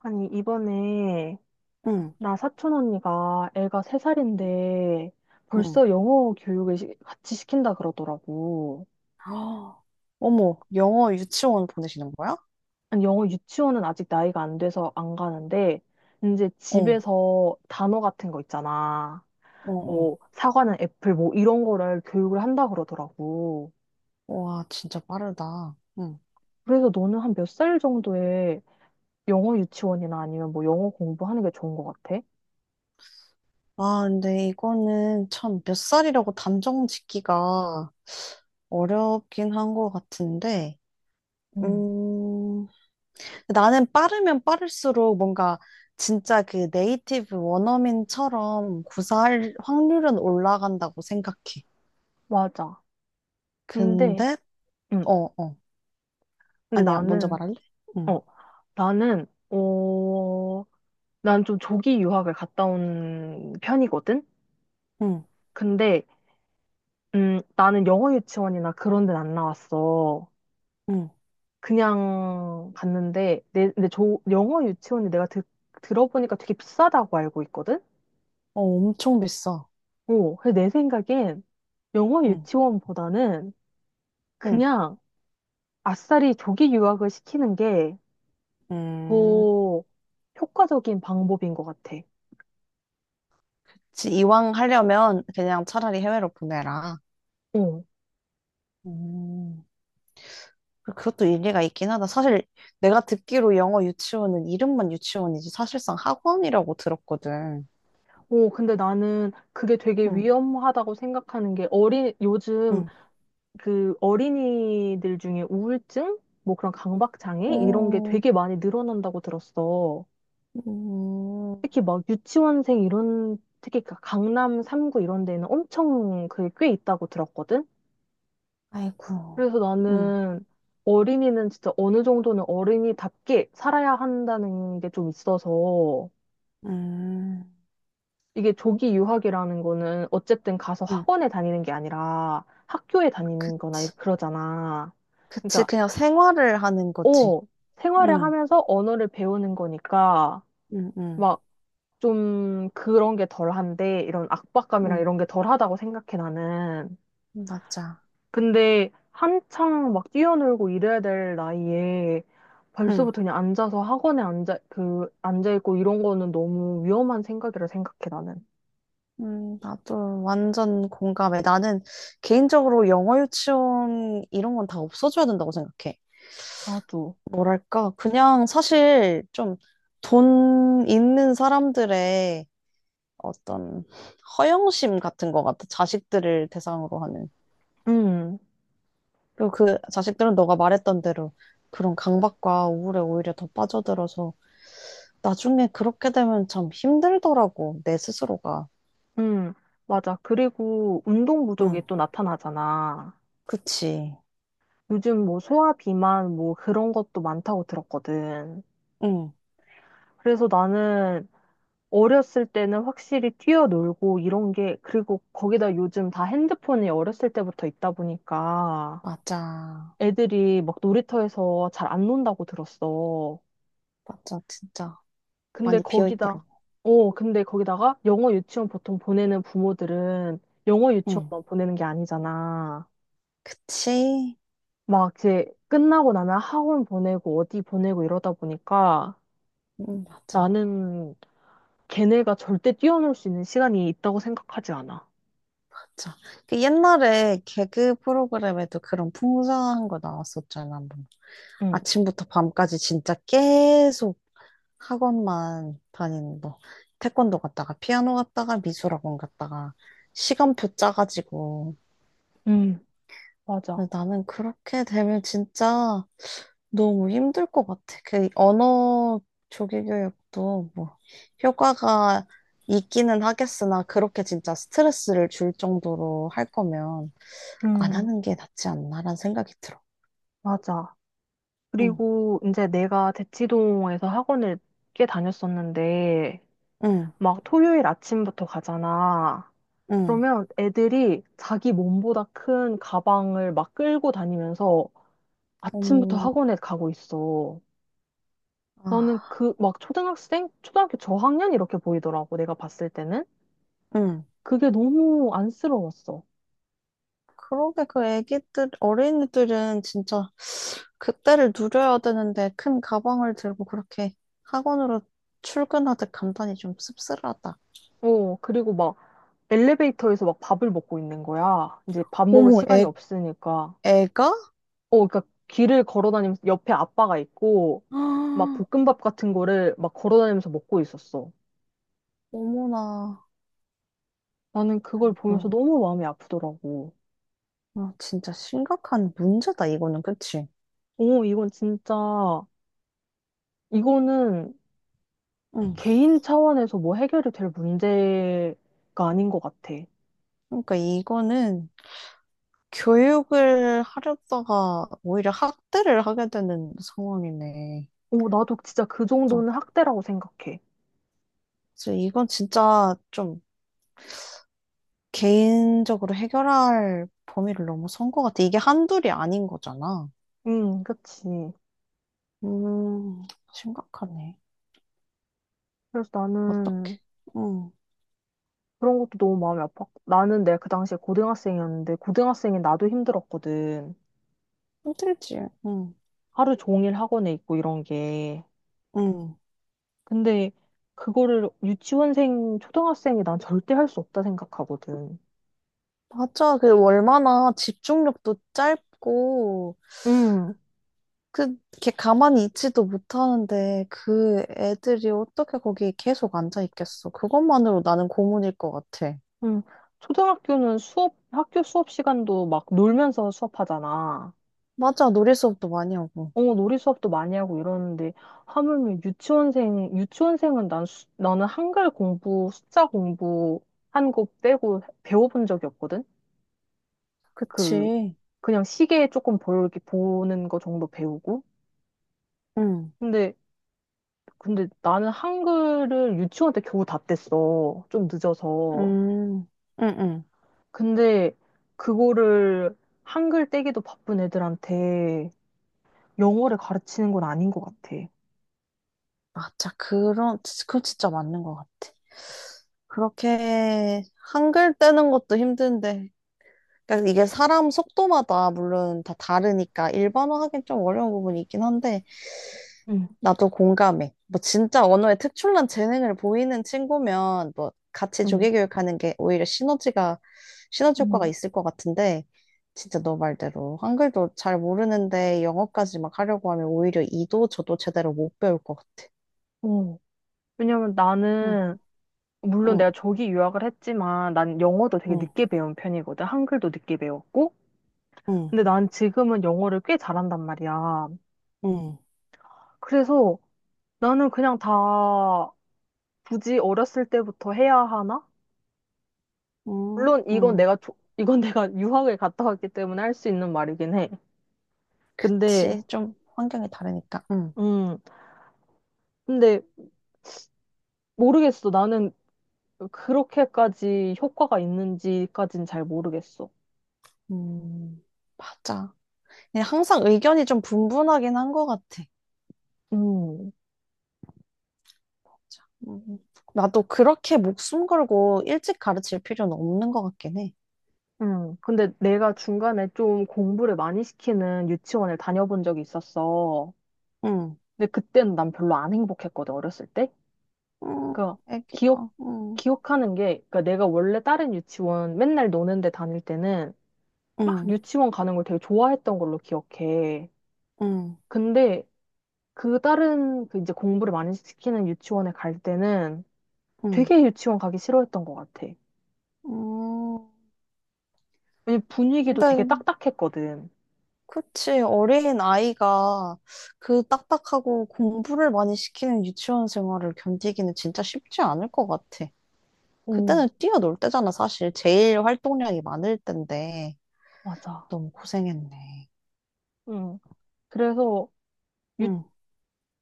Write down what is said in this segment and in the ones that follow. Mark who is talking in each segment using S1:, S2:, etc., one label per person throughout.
S1: 아니, 이번에
S2: 응,
S1: 나 사촌 언니가 애가 세살인데
S2: 응.
S1: 벌써 영어 교육을 같이 시킨다 그러더라고.
S2: 아, 어머, 영어 유치원 보내시는 거야?
S1: 아니, 영어 유치원은 아직 나이가 안 돼서 안 가는데, 이제
S2: 어,
S1: 집에서 단어 같은 거 있잖아.
S2: 어, 어.
S1: 뭐, 사과는 애플, 뭐, 이런 거를 교육을 한다 그러더라고.
S2: 와, 진짜 빠르다. 응.
S1: 그래서 너는 한 몇 살 정도에 영어 유치원이나 아니면 뭐 영어 공부하는 게 좋은 것 같아?
S2: 아, 근데 이거는 참 몇 살이라고 단정 짓기가 어렵긴 한 것 같은데,
S1: 응.
S2: 음, 나는 빠르면 빠를수록 뭔가 진짜 그 네이티브 원어민처럼 구사할 확률은 올라간다고 생각해.
S1: 맞아. 근데,
S2: 근데, 어,
S1: 응.
S2: 어.
S1: 근데
S2: 아니야, 먼저
S1: 나는
S2: 말할래? 응,
S1: 어, 나는, 어, 난 좀 조기 유학을 갔다 온 편이거든?
S2: 응,
S1: 근데, 나는 영어 유치원이나 그런 데는 안 나왔어.
S2: 응.
S1: 그냥 갔는데, 근데 영어 유치원이 내가 들어보니까 되게 비싸다고 알고 있거든?
S2: 어, 엄청 비싸.
S1: 그래서 내 생각엔 영어
S2: 응,
S1: 유치원보다는
S2: 응,
S1: 그냥 아싸리 조기 유학을 시키는 게
S2: 음.
S1: 더 효과적인 방법인 것 같아.
S2: 이왕 하려면 그냥 차라리 해외로 보내라.
S1: 어.
S2: 음, 그것도 일리가 있긴 하다. 사실 내가 듣기로 영어 유치원은 이름만 유치원이지 사실상 학원이라고 들었거든.
S1: 오, 근데 나는 그게 되게
S2: 응,
S1: 위험하다고 생각하는 게 요즘
S2: 응.
S1: 그 어린이들 중에 우울증? 뭐 그런 강박장애? 이런 게
S2: 어,
S1: 되게 많이 늘어난다고 들었어.
S2: 음,
S1: 특히 막 유치원생 이런, 특히 그 강남 3구 이런 데는 엄청 그게 꽤 있다고 들었거든?
S2: 아이고.
S1: 그래서
S2: 응,
S1: 나는 어린이는 진짜 어느 정도는 어린이답게 살아야 한다는 게 좀 있어서
S2: 음,
S1: 이게 조기 유학이라는 거는 어쨌든 가서
S2: 응.
S1: 학원에 다니는 게 아니라 학교에 다니는 거나
S2: 그치.
S1: 그러잖아.
S2: 그치.
S1: 그러니까,
S2: 그냥 생활을 하는 거지.
S1: 어, 생활을
S2: 응,
S1: 하면서 언어를 배우는 거니까
S2: 응, 응,
S1: 막 좀 그런 게 덜한데 이런 압박감이랑
S2: 응.
S1: 이런 게 덜하다고 생각해 나는.
S2: 맞아.
S1: 근데 한창 막 뛰어놀고 이래야 될 나이에 벌써부터 그냥 앉아서 학원에 앉아있고 이런 거는 너무 위험한 생각이라 생각해 나는.
S2: 나도 완전 공감해. 나는 개인적으로 영어 유치원 이런 건 다 없어져야 된다고 생각해.
S1: 나도.
S2: 뭐랄까, 그냥 사실 좀 돈 있는 사람들의 어떤 허영심 같은 것 같아. 자식들을 대상으로 하는.
S1: 음.
S2: 그리고 그 자식들은 너가 말했던 대로 그런 강박과 우울에 오히려 더 빠져들어서 나중에 그렇게 되면 참 힘들더라고, 내 스스로가.
S1: 음, 맞아. 그리고 운동
S2: 응,
S1: 부족이 또 나타나잖아.
S2: 그치.
S1: 요즘 뭐 소화 비만 뭐 그런 것도 많다고 들었거든.
S2: 응,
S1: 그래서 나는 어렸을 때는 확실히 뛰어놀고 이런 게, 그리고 거기다 요즘 다 핸드폰이 어렸을 때부터 있다 보니까
S2: 맞아.
S1: 애들이 막 놀이터에서 잘 안 논다고 들었어.
S2: 맞아, 진짜
S1: 근데
S2: 많이 비어 있더라고.
S1: 근데 거기다가 영어 유치원 보통 보내는 부모들은 영어
S2: 응,
S1: 유치원만 보내는 게 아니잖아.
S2: 그치?
S1: 막 이제 끝나고 나면 학원 보내고 어디 보내고 이러다 보니까
S2: 응, 맞아,
S1: 나는 걔네가 절대 뛰어놀 수 있는 시간이 있다고 생각하지 않아.
S2: 맞아. 그 옛날에 개그 프로그램에도 그런 풍성한 거 나왔었잖아, 한 번.
S1: 응,
S2: 아침부터 밤까지 진짜 계속 학원만 다니는 거. 태권도 갔다가 피아노 갔다가 미술학원 갔다가 시간표 짜가지고
S1: 응, 맞아.
S2: 근데 나는 그렇게 되면 진짜 너무 힘들 것 같아. 그 언어 조기 교육도 뭐 효과가 있기는 하겠으나 그렇게 진짜 스트레스를 줄 정도로 할 거면 안
S1: 응,
S2: 하는 게 낫지 않나라는 생각이 들어.
S1: 맞아.
S2: 응,
S1: 그리고 이제 내가 대치동에서 학원을 꽤 다녔었는데
S2: 응,
S1: 막 토요일 아침부터 가잖아.
S2: 응.
S1: 그러면 애들이 자기 몸보다 큰 가방을 막 끌고 다니면서 아침부터
S2: 너무,
S1: 학원에 가고 있어. 나는
S2: 아,
S1: 그, 막 초등학생? 초등학교 저학년? 이렇게 보이더라고, 내가 봤을 때는.
S2: 응.
S1: 그게 너무 안쓰러웠어.
S2: 그러게 그 애기들, 어린이들은 진짜 그때를 누려야 되는데 큰 가방을 들고 그렇게 학원으로 출근하듯 간단히 좀 씁쓸하다.
S1: 그리고 막 엘리베이터에서 막 밥을 먹고 있는 거야. 이제 밥 먹을
S2: 어머,
S1: 시간이
S2: 애,
S1: 없으니까.
S2: 애가?
S1: 그러니까 길을 걸어 다니면서 옆에 아빠가 있고, 막
S2: 아,
S1: 볶음밥 같은 거를 막 걸어 다니면서 먹고 있었어.
S2: 어머나.
S1: 나는 그걸 보면서
S2: 아이고,
S1: 너무 마음이 아프더라고.
S2: 아, 진짜 심각한 문제다, 이거는, 그치?
S1: 오, 이건 진짜. 이거는
S2: 응.
S1: 개인 차원에서 뭐 해결이 될 문제가 아닌 것 같아.
S2: 그러니까 이거는 교육을 하려다가 오히려 학대를 하게 되는 상황이네.
S1: 나도 진짜 그
S2: 그죠?
S1: 정도는 학대라고 생각해.
S2: 그래서 이건 진짜 좀 개인적으로 해결할 범위를 너무 선 것 같아. 이게 한둘이 아닌 거잖아.
S1: 응, 그치.
S2: 음, 심각하네.
S1: 그래서
S2: 어떡해.
S1: 나는
S2: 응,
S1: 그런 것도 너무 마음이 아팠고. 나는 내가 그 당시에 고등학생이었는데, 고등학생인 나도 힘들었거든.
S2: 힘들지. 응,
S1: 하루 종일 학원에 있고 이런 게.
S2: 응.
S1: 근데 그거를 유치원생, 초등학생이 난 절대 할 수 없다 생각하거든.
S2: 맞아. 그 얼마나 집중력도 짧고,
S1: 응,
S2: 그, 걔 가만히 있지도 못하는데, 그 애들이 어떻게 거기 계속 앉아 있겠어. 그것만으로 나는 고문일 것 같아.
S1: 응. 초등학교는 학교 수업 시간도 막 놀면서 수업하잖아.
S2: 맞아. 놀이 수업도 많이 하고.
S1: 놀이 수업도 많이 하고 이러는데, 하물며 유치원생은 나는 한글 공부, 숫자 공부 한 거 빼고 배워본 적이 없거든? 그,
S2: 그치.
S1: 그냥 시계 조금 이렇게 보는 거 정도 배우고.
S2: 응,
S1: 근데, 근데 나는 한글을 유치원 때 겨우 다 뗐어. 좀 늦어서.
S2: 음, 응, 응.
S1: 근데 그거를 한글 떼기도 바쁜 애들한테 영어를 가르치는 건 아닌 것 같아.
S2: 맞아. 그런, 그거 진짜 맞는 것 같아. 그렇게 한글 떼는 것도 힘든데. 그러니까 이게 사람 속도마다 물론 다 다르니까 일반화하긴 좀 어려운 부분이 있긴 한데
S1: 응.
S2: 나도 공감해. 뭐 진짜 언어에 특출난 재능을 보이는 친구면 뭐 같이
S1: 응,
S2: 조기 교육하는 게 오히려 시너지 효과가
S1: 응,
S2: 있을 것 같은데 진짜 너 말대로 한글도 잘 모르는데 영어까지 막 하려고 하면 오히려 이도 저도 제대로 못 배울 것 같아.
S1: 어. 왜냐면
S2: 응,
S1: 나는 물론
S2: 응,
S1: 내가 저기 유학을 했지만 난 영어도 되게
S2: 응.
S1: 늦게 배운 편이거든. 한글도 늦게 배웠고.
S2: 응,
S1: 근데 난 지금은 영어를 꽤 잘한단 말이야.
S2: 응,
S1: 그래서 나는 그냥 다 굳이 어렸을 때부터 해야 하나?
S2: 응,
S1: 물론 이건
S2: 응.
S1: 내가 조- 이건 내가 유학을 갔다 왔기 때문에 할 수 있는 말이긴 해. 근데
S2: 그치. 좀 환경이 다르니까. 응.
S1: 음 근데 모르겠어. 나는 그렇게까지 효과가 있는지까진 잘 모르겠어.
S2: 음, 맞아. 그냥 항상 의견이 좀 분분하긴 한 것 같아.
S1: 음.
S2: 맞아. 나도 그렇게 목숨 걸고 일찍 가르칠 필요는 없는 것 같긴 해.
S1: 근데 내가 중간에 좀 공부를 많이 시키는 유치원을 다녀본 적이 있었어.
S2: 응,
S1: 근데 그때는 난 별로 안 행복했거든, 어렸을 때.
S2: 응,
S1: 그, 기억,
S2: 애기가. 응,
S1: 기억하는 게, 그니까 내가 원래 다른 유치원 맨날 노는 데 다닐 때는 막
S2: 응,
S1: 유치원 가는 걸 되게 좋아했던 걸로 기억해.
S2: 응,
S1: 근데 그 이제 공부를 많이 시키는 유치원에 갈 때는
S2: 응.
S1: 되게 유치원 가기 싫어했던 것 같아.
S2: 음,
S1: 왜냐면 분위기도 되게
S2: 근데
S1: 딱딱했거든.
S2: 그치 어린 아이가 그 딱딱하고 공부를 많이 시키는 유치원 생활을 견디기는 진짜 쉽지 않을 것 같아.
S1: 오,
S2: 그때는 뛰어놀 때잖아, 사실. 제일 활동량이 많을 때인데
S1: 맞아.
S2: 너무 고생했네.
S1: 응. 그래서
S2: 응.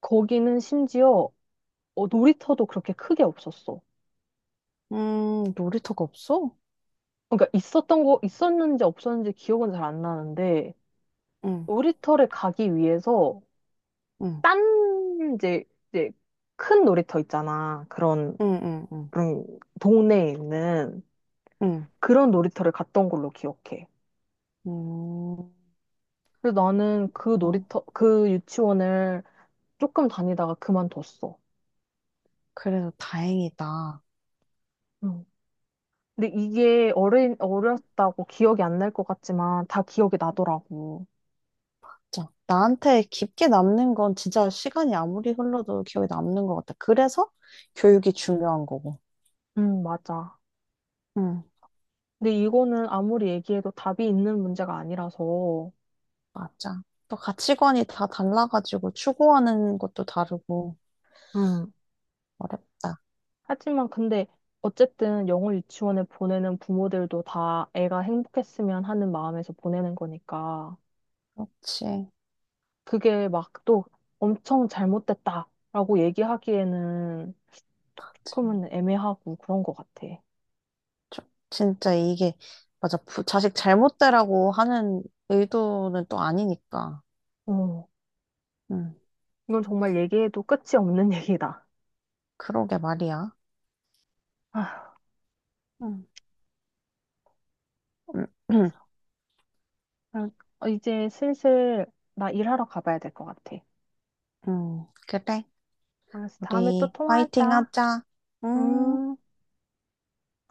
S1: 거기는 심지어 놀이터도 그렇게 크게 없었어.
S2: 놀이터가 없어?
S1: 그러니까 있었는지 없었는지 기억은 잘 안 나는데,
S2: 응,
S1: 놀이터를 가기 위해서,
S2: 응,
S1: 딴, 이제, 이제, 큰 놀이터 있잖아.
S2: 응, 응, 응,
S1: 그런, 동네에 있는
S2: 응.
S1: 그런 놀이터를 갔던 걸로 기억해.
S2: 음,
S1: 그래서 나는
S2: 그랬구나.
S1: 그 유치원을 조금 다니다가 그만뒀어.
S2: 그래도 다행이다.
S1: 응. 근데 이게 어렸다고 기억이 안 날 것 같지만, 다 기억이 나더라고.
S2: 진짜. 나한테 깊게 남는 건 진짜 시간이 아무리 흘러도 기억에 남는 것 같아. 그래서 교육이 중요한 거고.
S1: 응, 맞아.
S2: 응,
S1: 근데 이거는 아무리 얘기해도 답이 있는 문제가 아니라서.
S2: 맞아. 또 가치관이 다 달라가지고 추구하는 것도 다르고
S1: 응,
S2: 어렵다.
S1: 하지만 근데 어쨌든 영어 유치원에 보내는 부모들도 다 애가 행복했으면 하는 마음에서 보내는 거니까
S2: 그렇지.
S1: 그게 막 또 엄청 잘못됐다라고 얘기하기에는
S2: 그렇지.
S1: 그러면 애매하고 그런 것 같아.
S2: 저- 진짜 이게 맞아 자식 잘못되라고 하는 의도는 또 아니니까.
S1: 어,
S2: 음,
S1: 이건 정말 얘기해도 끝이 없는 얘기다.
S2: 그러게 말이야.
S1: 아,
S2: 음, 음,
S1: 그래서 그냥 이제 슬슬 나 일하러 가봐야 될 것 같아.
S2: 그래.
S1: 알았어, 다음에 또
S2: 우리 화이팅
S1: 통화하자.
S2: 하자. 음.
S1: 음.